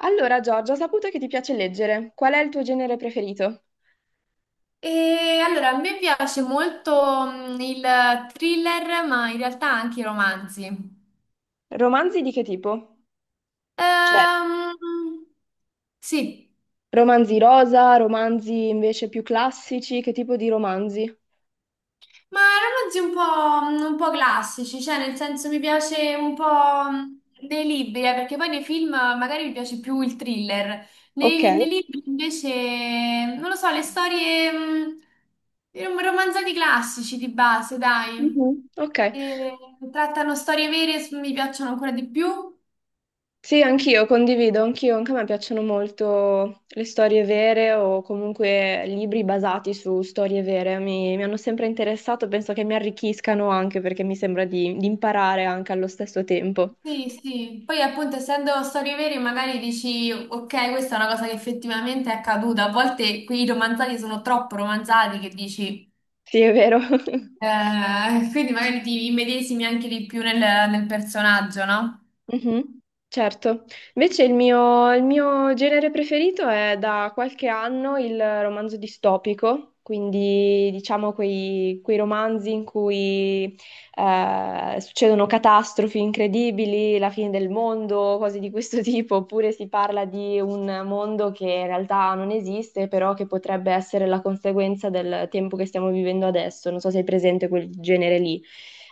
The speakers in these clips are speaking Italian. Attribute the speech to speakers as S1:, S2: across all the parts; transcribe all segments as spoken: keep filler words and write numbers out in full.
S1: Allora, Giorgia, ho saputo che ti piace leggere. Qual è il tuo genere preferito?
S2: E allora, a me piace molto mm, il thriller, ma in realtà anche i romanzi.
S1: Romanzi di che tipo? Cioè,
S2: Ehm, sì,
S1: romanzi rosa, romanzi invece più classici, che tipo di romanzi?
S2: ma romanzi un po', mm, un po' classici, cioè nel senso mi piace un po' mm, nei libri, eh, perché poi nei film magari mi piace più il thriller.
S1: Ok.
S2: Nei, nei libri invece, non lo so, le storie, mm, i rom- romanzati classici di base, dai.
S1: Mhm. Ok,
S2: E trattano storie vere, mi piacciono ancora di più.
S1: sì, anch'io condivido, anch'io, anche a me piacciono molto le storie vere o comunque libri basati su storie vere, mi, mi hanno sempre interessato, penso che mi arricchiscano anche perché mi sembra di, di imparare anche allo stesso tempo.
S2: Sì, sì, poi appunto essendo storie vere magari dici ok, questa è una cosa che effettivamente è accaduta, a volte quei romanzati sono troppo romanzati che dici,
S1: Sì, è vero.
S2: eh, quindi magari ti immedesimi anche di più nel, nel personaggio, no? Non
S1: Mhm, certo. Invece il mio, il mio genere preferito è da qualche anno il romanzo distopico, quindi diciamo quei, quei romanzi in cui eh, succedono catastrofi incredibili, la fine del mondo, cose di questo tipo, oppure si parla di un mondo che in realtà non esiste, però che potrebbe essere la conseguenza del tempo che stiamo vivendo adesso. Non so se hai presente quel genere lì.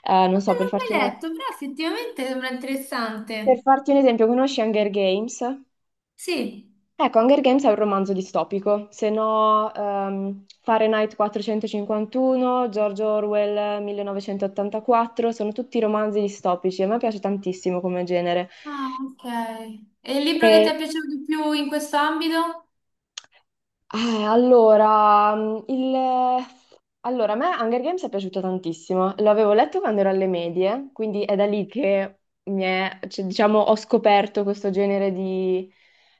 S1: Eh, non so, per
S2: l'ho mai
S1: farti un'idea.
S2: letto, però effettivamente sembra
S1: Per
S2: interessante.
S1: farti un esempio, conosci Hunger Games?
S2: Sì.
S1: Ecco, Hunger Games è un romanzo distopico, se no ehm, Fahrenheit quattrocentocinquantuno, George Orwell millenovecentottantaquattro, sono tutti romanzi distopici, a me piace tantissimo come genere.
S2: Ah, ok. E il libro che ti
S1: E
S2: è piaciuto di più in questo ambito?
S1: Eh, allora, mm, il... allora, a me Hunger Games è piaciuto tantissimo, l'avevo letto quando ero alle medie, quindi è da lì che mi è- cioè, diciamo, ho scoperto questo genere di,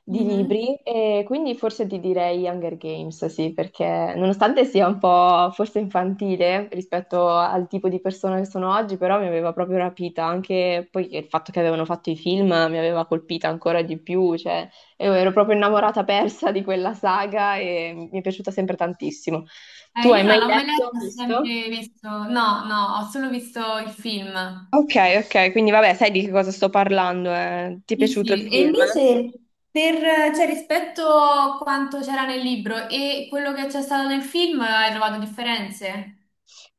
S1: di
S2: Mhm.
S1: libri e quindi forse ti direi Hunger Games, sì, perché nonostante sia un po' forse infantile rispetto al tipo di persona che sono oggi, però mi aveva proprio rapita, anche poi il fatto che avevano fatto i film mi aveva colpita ancora di più, cioè... E ero proprio innamorata persa di quella saga e mi è piaciuta sempre tantissimo. Tu
S2: Eh,
S1: hai
S2: io non
S1: mai
S2: l'ho mai
S1: letto,
S2: letto, ho
S1: visto?
S2: sempre visto, no, no, ho solo visto il film.
S1: Ok, ok, quindi vabbè, sai di che cosa sto parlando, eh. Ti è
S2: Sì,
S1: piaciuto il
S2: sì. E
S1: film?
S2: invece per, cioè, rispetto a quanto c'era nel libro e quello che c'è stato nel film, hai trovato differenze?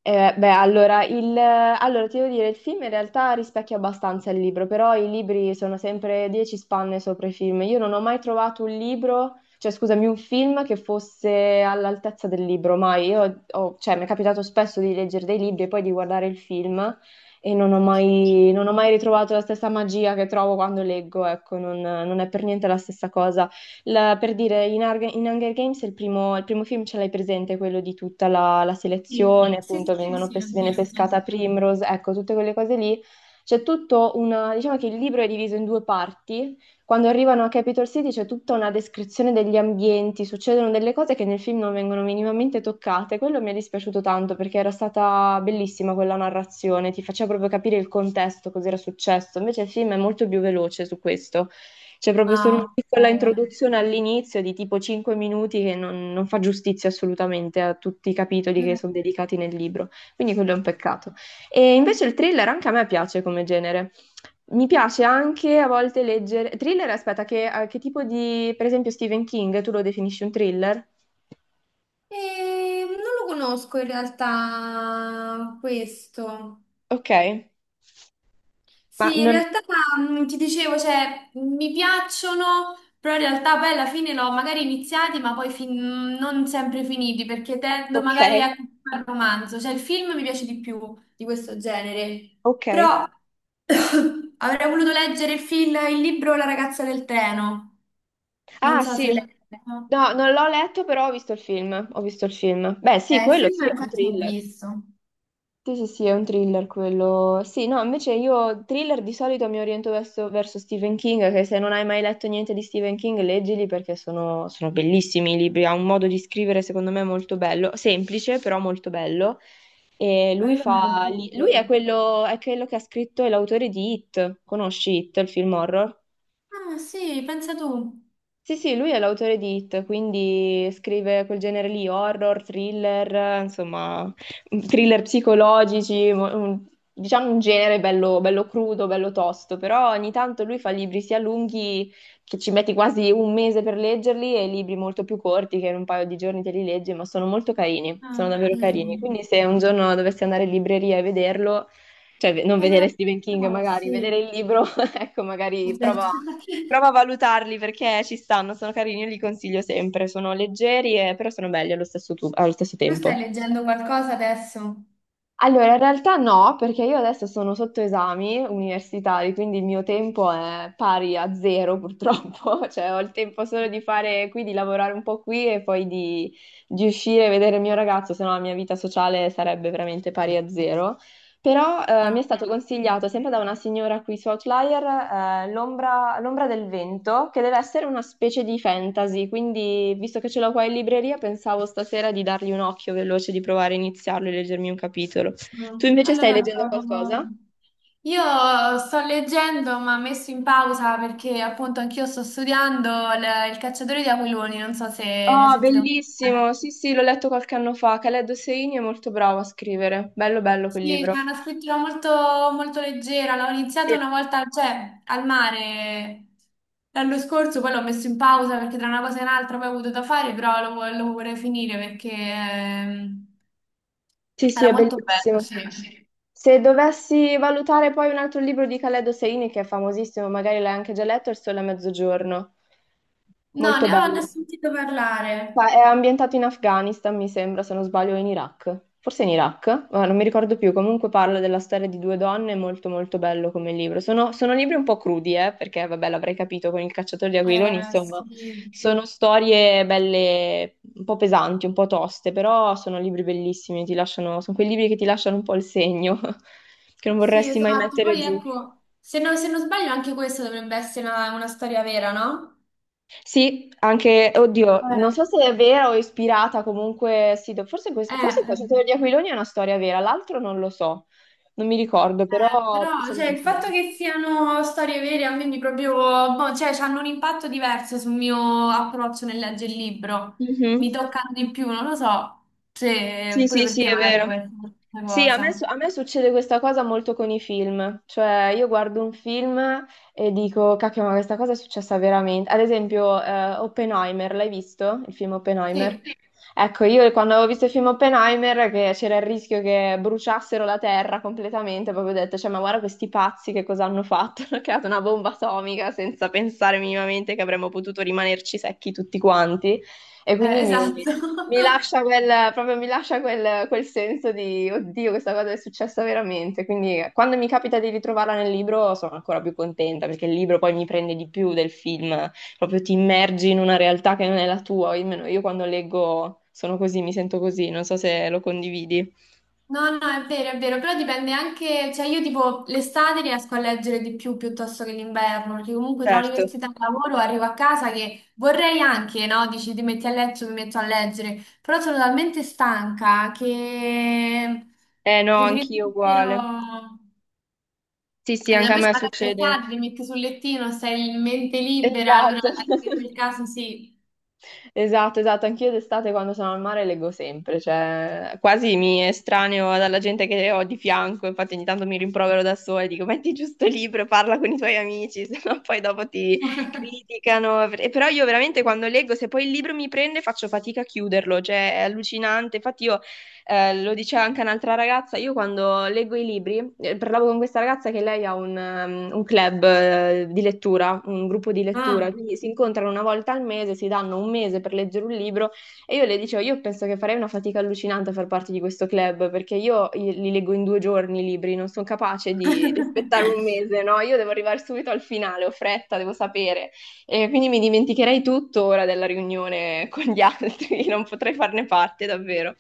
S1: Eh, beh, allora, il, allora, ti devo dire, il film in realtà rispecchia abbastanza il libro, però i libri sono sempre dieci spanne sopra i film. Io non ho mai trovato un libro, cioè scusami, un film che fosse all'altezza del libro, mai. Io ho- cioè, mi è capitato spesso di leggere dei libri e poi di guardare il film e non ho mai, non ho mai ritrovato la stessa magia che trovo quando leggo, ecco, non non è per niente la stessa cosa. La- per dire, in, Arg- in Hunger Games il primo, il primo film ce l'hai presente, quello di tutta la, la
S2: Sì,
S1: selezione,
S2: sì,
S1: appunto,
S2: sì, sì,
S1: vengono
S2: sì, l'ho
S1: pes- viene
S2: visto.
S1: pescata Primrose, ecco, tutte quelle cose lì. C'è tutto una, diciamo che il libro è diviso in due parti. Quando arrivano a Capitol City c'è tutta una descrizione degli ambienti, succedono delle cose che nel film non vengono minimamente toccate. Quello mi è dispiaciuto tanto perché era stata bellissima quella narrazione, ti faceva proprio capire il contesto, cos'era successo. Invece il film è molto più veloce su questo. C'è proprio solo una
S2: Ah,
S1: piccola introduzione all'inizio di tipo cinque minuti che non, non fa giustizia assolutamente a tutti i capitoli che
S2: ok.
S1: sono dedicati nel libro, quindi quello è un peccato. E invece il thriller anche a me piace come genere. Mi piace anche a volte leggere... Thriller, aspetta, che, a che tipo di... Per esempio Stephen King, tu lo definisci un thriller?
S2: Eh, non lo conosco in realtà questo.
S1: Ok, ma
S2: Sì, in
S1: non...
S2: realtà mm, ti dicevo, cioè, mi piacciono, però in realtà poi alla fine l'ho magari iniziati, ma poi fin- non sempre finiti, perché tendo
S1: Ok,
S2: magari a al romanzo, cioè il film mi piace di più di questo genere,
S1: ok.
S2: però avrei voluto leggere il film, il libro La ragazza del treno, non
S1: Ah
S2: so se
S1: sì,
S2: l'hai letto.
S1: no, non l'ho letto però ho visto il film, ho visto il film. Beh sì,
S2: Eh, il
S1: quello sì,
S2: film
S1: è un
S2: infatti l'ho
S1: thriller.
S2: visto.
S1: Sì, sì, sì, è un thriller quello. Sì, no, invece io thriller di solito mi oriento verso, verso Stephen King, che se non hai mai letto niente di Stephen King, leggili perché sono, sono bellissimi i libri, ha un modo di scrivere secondo me molto bello, semplice però molto bello. E lui
S2: Allora me lo
S1: fa, li- lui
S2: appunto.
S1: è quello, è quello che ha scritto, è l'autore di It, conosci It, il film horror?
S2: Ah sì, pensa tu.
S1: Sì, sì, lui è l'autore di It, quindi scrive quel genere lì, horror, thriller, eh, insomma, mm, thriller psicologici, mo- un- diciamo un genere bello, bello crudo, bello tosto, però ogni tanto lui fa libri sia lunghi che ci metti quasi un mese per leggerli e libri molto più corti che in un paio di giorni te li leggi, ma sono molto carini,
S2: Ah,
S1: sono davvero carini.
S2: vedi.
S1: Quindi se un giorno dovessi andare in libreria e vederlo, cioè ve- non
S2: Eh, me
S1: vedere
S2: lo...
S1: Stephen King
S2: no,
S1: magari, vedere
S2: sì.
S1: il libro, ecco, magari prova
S2: Aspetta,
S1: prova a valutarli perché ci stanno, sono carini, io li consiglio sempre, sono leggeri e però sono belli allo stesso, tu- allo stesso
S2: tu
S1: tempo.
S2: stai leggendo qualcosa adesso?
S1: Allora, in realtà no, perché io adesso sono sotto esami universitari, quindi il mio tempo è pari a zero purtroppo, cioè ho il tempo solo di fare qui, di lavorare un po' qui e poi di, di uscire e vedere il mio ragazzo, se no la mia vita sociale sarebbe veramente pari a zero. Però eh, mi è
S2: Ah,
S1: stato
S2: sì.
S1: consigliato sempre da una signora qui su Outlier eh, l'ombra l'ombra del vento, che deve essere una specie di fantasy, quindi visto che ce l'ho qua in libreria pensavo stasera di dargli un occhio veloce, di provare a iniziarlo e leggermi un capitolo.
S2: Mm.
S1: Tu invece stai
S2: Allora,
S1: leggendo
S2: provo-
S1: qualcosa?
S2: io sto leggendo, ma ho messo in pausa perché appunto anch'io sto studiando il, il cacciatore di aquiloni, non so se ne hai
S1: Ah,
S2: sentito
S1: bellissimo!
S2: parlare.
S1: Sì, sì, l'ho letto qualche anno fa. Khaled Hosseini è molto bravo a scrivere. Bello, bello quel
S2: Sì,
S1: libro.
S2: c'è una scrittura molto, molto leggera, l'ho iniziata
S1: Sì.
S2: una volta, cioè, al mare l'anno scorso, poi l'ho messo in pausa perché tra una cosa e un'altra poi ho avuto da fare, però lo, vo- lo vorrei finire perché ehm,
S1: Sì, sì,
S2: era
S1: è
S2: molto bello,
S1: bellissimo.
S2: sì.
S1: Se dovessi valutare poi un altro libro di Khaled Hosseini, che è famosissimo, magari l'hai anche già letto, è Il Sole a Mezzogiorno.
S2: No,
S1: Molto
S2: ne ho, ne ho
S1: bello.
S2: sentito parlare.
S1: Ma è ambientato in Afghanistan, mi sembra, se non sbaglio, o in Iraq. Forse in Iraq, ma non mi ricordo più. Comunque parla della storia di due donne, è molto molto bello come libro. Sono, sono libri un po' crudi, eh, perché vabbè, l'avrei capito con Il cacciatore di aquiloni,
S2: Eh,
S1: insomma,
S2: sì.
S1: sono storie belle, un po' pesanti, un po' toste, però sono libri bellissimi, ti lasciano, sono quei libri che ti lasciano un po' il segno, che non
S2: Sì,
S1: vorresti mai
S2: esatto.
S1: mettere
S2: Poi
S1: giù.
S2: ecco, se non, se non sbaglio anche questa dovrebbe essere una, una storia vera, no?
S1: Sì, anche, oddio, non
S2: Eh,
S1: so se è vera o ispirata comunque, sì, do- forse,
S2: eh.
S1: questo, forse il
S2: Eh.
S1: cacciatore di aquiloni è una storia vera, l'altro non lo so, non mi ricordo,
S2: Eh, però
S1: però sono
S2: cioè, il
S1: molto
S2: fatto
S1: belle.
S2: che siano storie vere, quindi proprio, boh, cioè, hanno un impatto diverso sul mio approccio nel leggere il libro. Mi
S1: Mhm.
S2: toccano di più, non lo so se
S1: Sì,
S2: pure
S1: sì,
S2: per
S1: sì,
S2: te
S1: è
S2: magari
S1: vero.
S2: può essere una
S1: Sì, a me,
S2: cosa.
S1: su- a me succede questa cosa molto con i film, cioè io guardo un film e dico, cacchio, ma questa cosa è successa veramente. Ad esempio, eh, Oppenheimer, l'hai visto? Il film Oppenheimer?
S2: Sì,
S1: Sì. Ecco, io quando avevo visto il film Oppenheimer, che c'era il rischio che bruciassero la Terra completamente, proprio ho detto, cioè, ma guarda questi pazzi che cosa hanno fatto? Hanno creato una bomba atomica senza pensare minimamente che avremmo potuto rimanerci secchi tutti quanti. E
S2: eh,
S1: quindi mi,
S2: esatto.
S1: mi lascia quel, proprio mi lascia quel, quel senso di, oddio, questa cosa è successa veramente. Quindi quando mi capita di ritrovarla nel libro sono ancora più contenta perché il libro poi mi prende di più del film, proprio ti immergi in una realtà che non è la tua, almeno io quando leggo sono così, mi sento così, non so se lo condividi.
S2: No, no, è vero, è vero, però dipende anche, cioè io tipo l'estate riesco a leggere di più piuttosto che l'inverno, perché comunque tra
S1: Certo.
S2: università e lavoro arrivo a casa che vorrei anche, no? Dici ti metti a letto, mi metto a leggere, però sono talmente stanca che
S1: Eh no,
S2: preferisco
S1: anch'io uguale.
S2: davvero...
S1: Sì, sì,
S2: Allora,
S1: anche a
S2: invece
S1: me
S2: magari l'estate
S1: succede.
S2: ti metti sul lettino, sei in mente libera, allora
S1: Esatto.
S2: anche in quel caso sì.
S1: Esatto, esatto, anch'io d'estate quando sono al mare leggo sempre, cioè quasi mi estraneo dalla gente che ho di fianco, infatti ogni tanto mi rimprovero da sola e dico metti giusto il libro e parla con i tuoi amici, sennò poi dopo ti criticano. E però io veramente quando leggo, se poi il libro mi prende faccio fatica a chiuderlo, cioè è allucinante, infatti io eh, lo diceva anche un'altra ragazza, io quando leggo i libri, eh, parlavo con questa ragazza che lei ha un, ehm, un club eh, di lettura, un gruppo di lettura,
S2: Ah.
S1: quindi si incontrano una volta al mese, si danno un mese per leggere un libro e io le dicevo, io penso che farei una fatica allucinante a far parte di questo club perché io li leggo in due giorni i libri, non sono capace di, di aspettare un mese, no? Io devo arrivare subito al finale, ho fretta, devo sapere. E quindi mi dimenticherei tutto ora della riunione con gli altri, non potrei farne parte davvero.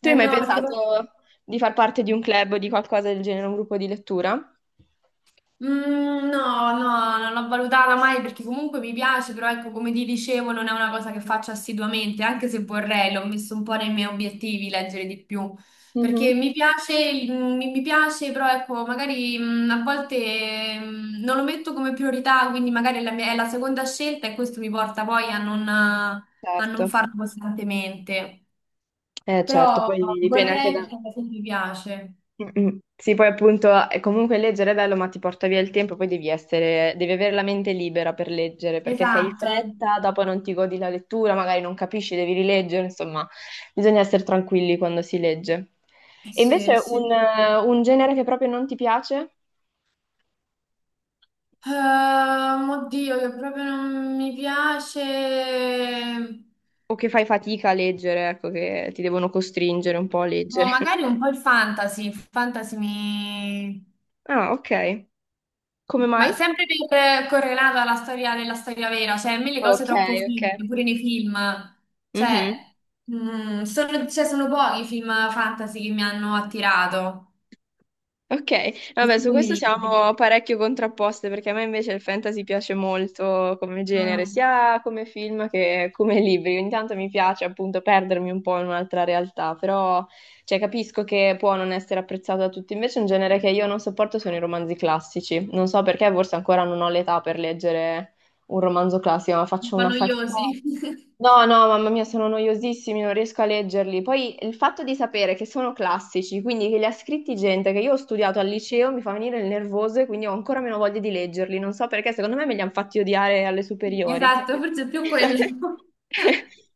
S1: Tu hai
S2: Eh
S1: mai
S2: no, perché poi
S1: pensato di far parte di un club o di qualcosa del genere, un gruppo di lettura?
S2: mm, no, no, non l'ho valutata mai perché comunque mi piace, però ecco, come ti dicevo, non è una cosa che faccio assiduamente, anche se vorrei, l'ho messo un po' nei miei obiettivi leggere di più,
S1: Mhm.
S2: perché mi piace, il- mi, mi piace, però ecco, magari mm, a volte mm, non lo metto come priorità, quindi magari è la mia- è la seconda scelta e questo mi porta poi a non, a non
S1: Certo,
S2: farlo costantemente,
S1: eh, certo,
S2: però
S1: poi dipende anche
S2: vorrei
S1: da...
S2: perché alla fine mi piace.
S1: Mm, mm. Sì, poi appunto è comunque leggere è bello, ma ti porta via il tempo, poi devi essere, devi avere la mente libera per leggere, perché se hai
S2: Esatto,
S1: fretta, dopo non ti godi la lettura, magari non capisci, devi rileggere, insomma, bisogna essere tranquilli quando si legge. E
S2: sì,
S1: invece un,
S2: sì.
S1: eh, un genere che proprio non ti piace
S2: Ehm, oddio, che proprio non mi piace.
S1: o che fai fatica a leggere, ecco, che ti devono costringere un po' a
S2: Boh,
S1: leggere.
S2: magari un po' il fantasy. Il fantasy mi.
S1: Ah, ok. Come
S2: Ma
S1: mai?
S2: sempre per- correlato alla storia della storia vera, cioè a me le cose
S1: Ok,
S2: troppo
S1: ok.
S2: finte, pure nei film.
S1: Mhm.
S2: Cioè, mm, sono, cioè, sono pochi i film fantasy che mi hanno attirato,
S1: Ok, vabbè,
S2: così
S1: su
S2: come i
S1: questo
S2: libri.
S1: siamo parecchio contrapposte perché a me invece il fantasy piace molto come genere,
S2: Mm.
S1: sia come film che come libri. Ogni tanto mi piace appunto perdermi un po' in un'altra realtà, però cioè, capisco che può non essere apprezzato da tutti. Invece un genere che io non sopporto sono i romanzi classici. Non so perché, forse ancora non ho l'età per leggere un romanzo classico, ma
S2: Un
S1: faccio
S2: po'
S1: una fatica.
S2: noiosi.
S1: No, no, mamma mia, sono noiosissimi, non riesco a leggerli. Poi il fatto di sapere che sono classici, quindi che li ha scritti gente che io ho studiato al liceo, mi fa venire il nervoso e quindi ho ancora meno voglia di leggerli. Non so perché, secondo me me li hanno fatti odiare alle superiori.
S2: Esatto, forse è più quello.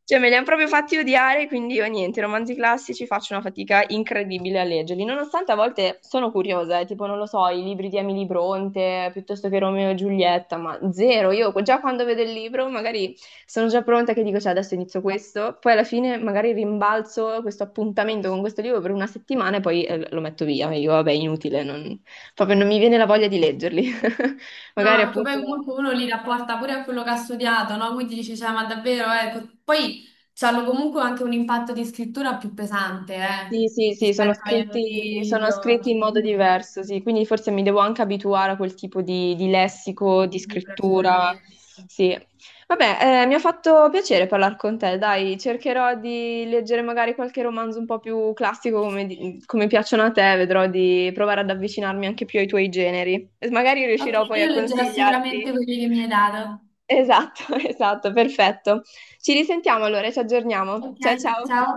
S1: Cioè, me li hanno proprio fatti odiare, quindi io niente, i romanzi classici faccio una fatica incredibile a leggerli, nonostante a volte sono curiosa, eh, tipo, non lo so, i libri di Emily Bronte, piuttosto che Romeo e Giulietta, ma zero, io già quando vedo il libro magari sono già pronta che dico, cioè, adesso inizio questo, poi alla fine magari rimbalzo questo appuntamento con questo libro per una settimana e poi eh, lo metto via, e io, vabbè, inutile, non- proprio non mi viene la voglia di leggerli.
S2: No,
S1: Magari
S2: perché
S1: appunto
S2: poi comunque uno li rapporta pure a quello che ha studiato, no? Quindi dice, cioè, ma davvero, ecco. Poi hanno comunque anche un impatto di scrittura più pesante,
S1: Sì,
S2: eh,
S1: sì, sì, sono
S2: rispetto agli
S1: scritti,
S2: autori di
S1: sono scritti in modo
S2: oggi.
S1: diverso, sì, quindi forse mi devo anche abituare a quel tipo di, di lessico, di
S2: Sicura-
S1: scrittura,
S2: Sicuramente.
S1: sì. Vabbè, eh, mi ha fatto piacere parlare con te, dai, cercherò di leggere magari qualche romanzo un po' più classico come, di- come piacciono a te, vedrò di provare ad avvicinarmi anche più ai tuoi generi e magari
S2: Ok,
S1: riuscirò poi a
S2: io leggerò sicuramente
S1: consigliarti.
S2: quelli che mi hai dato.
S1: Esatto, esatto, perfetto. Ci risentiamo allora, e ci aggiorniamo.
S2: Ok,
S1: Ciao, ciao.
S2: ciao.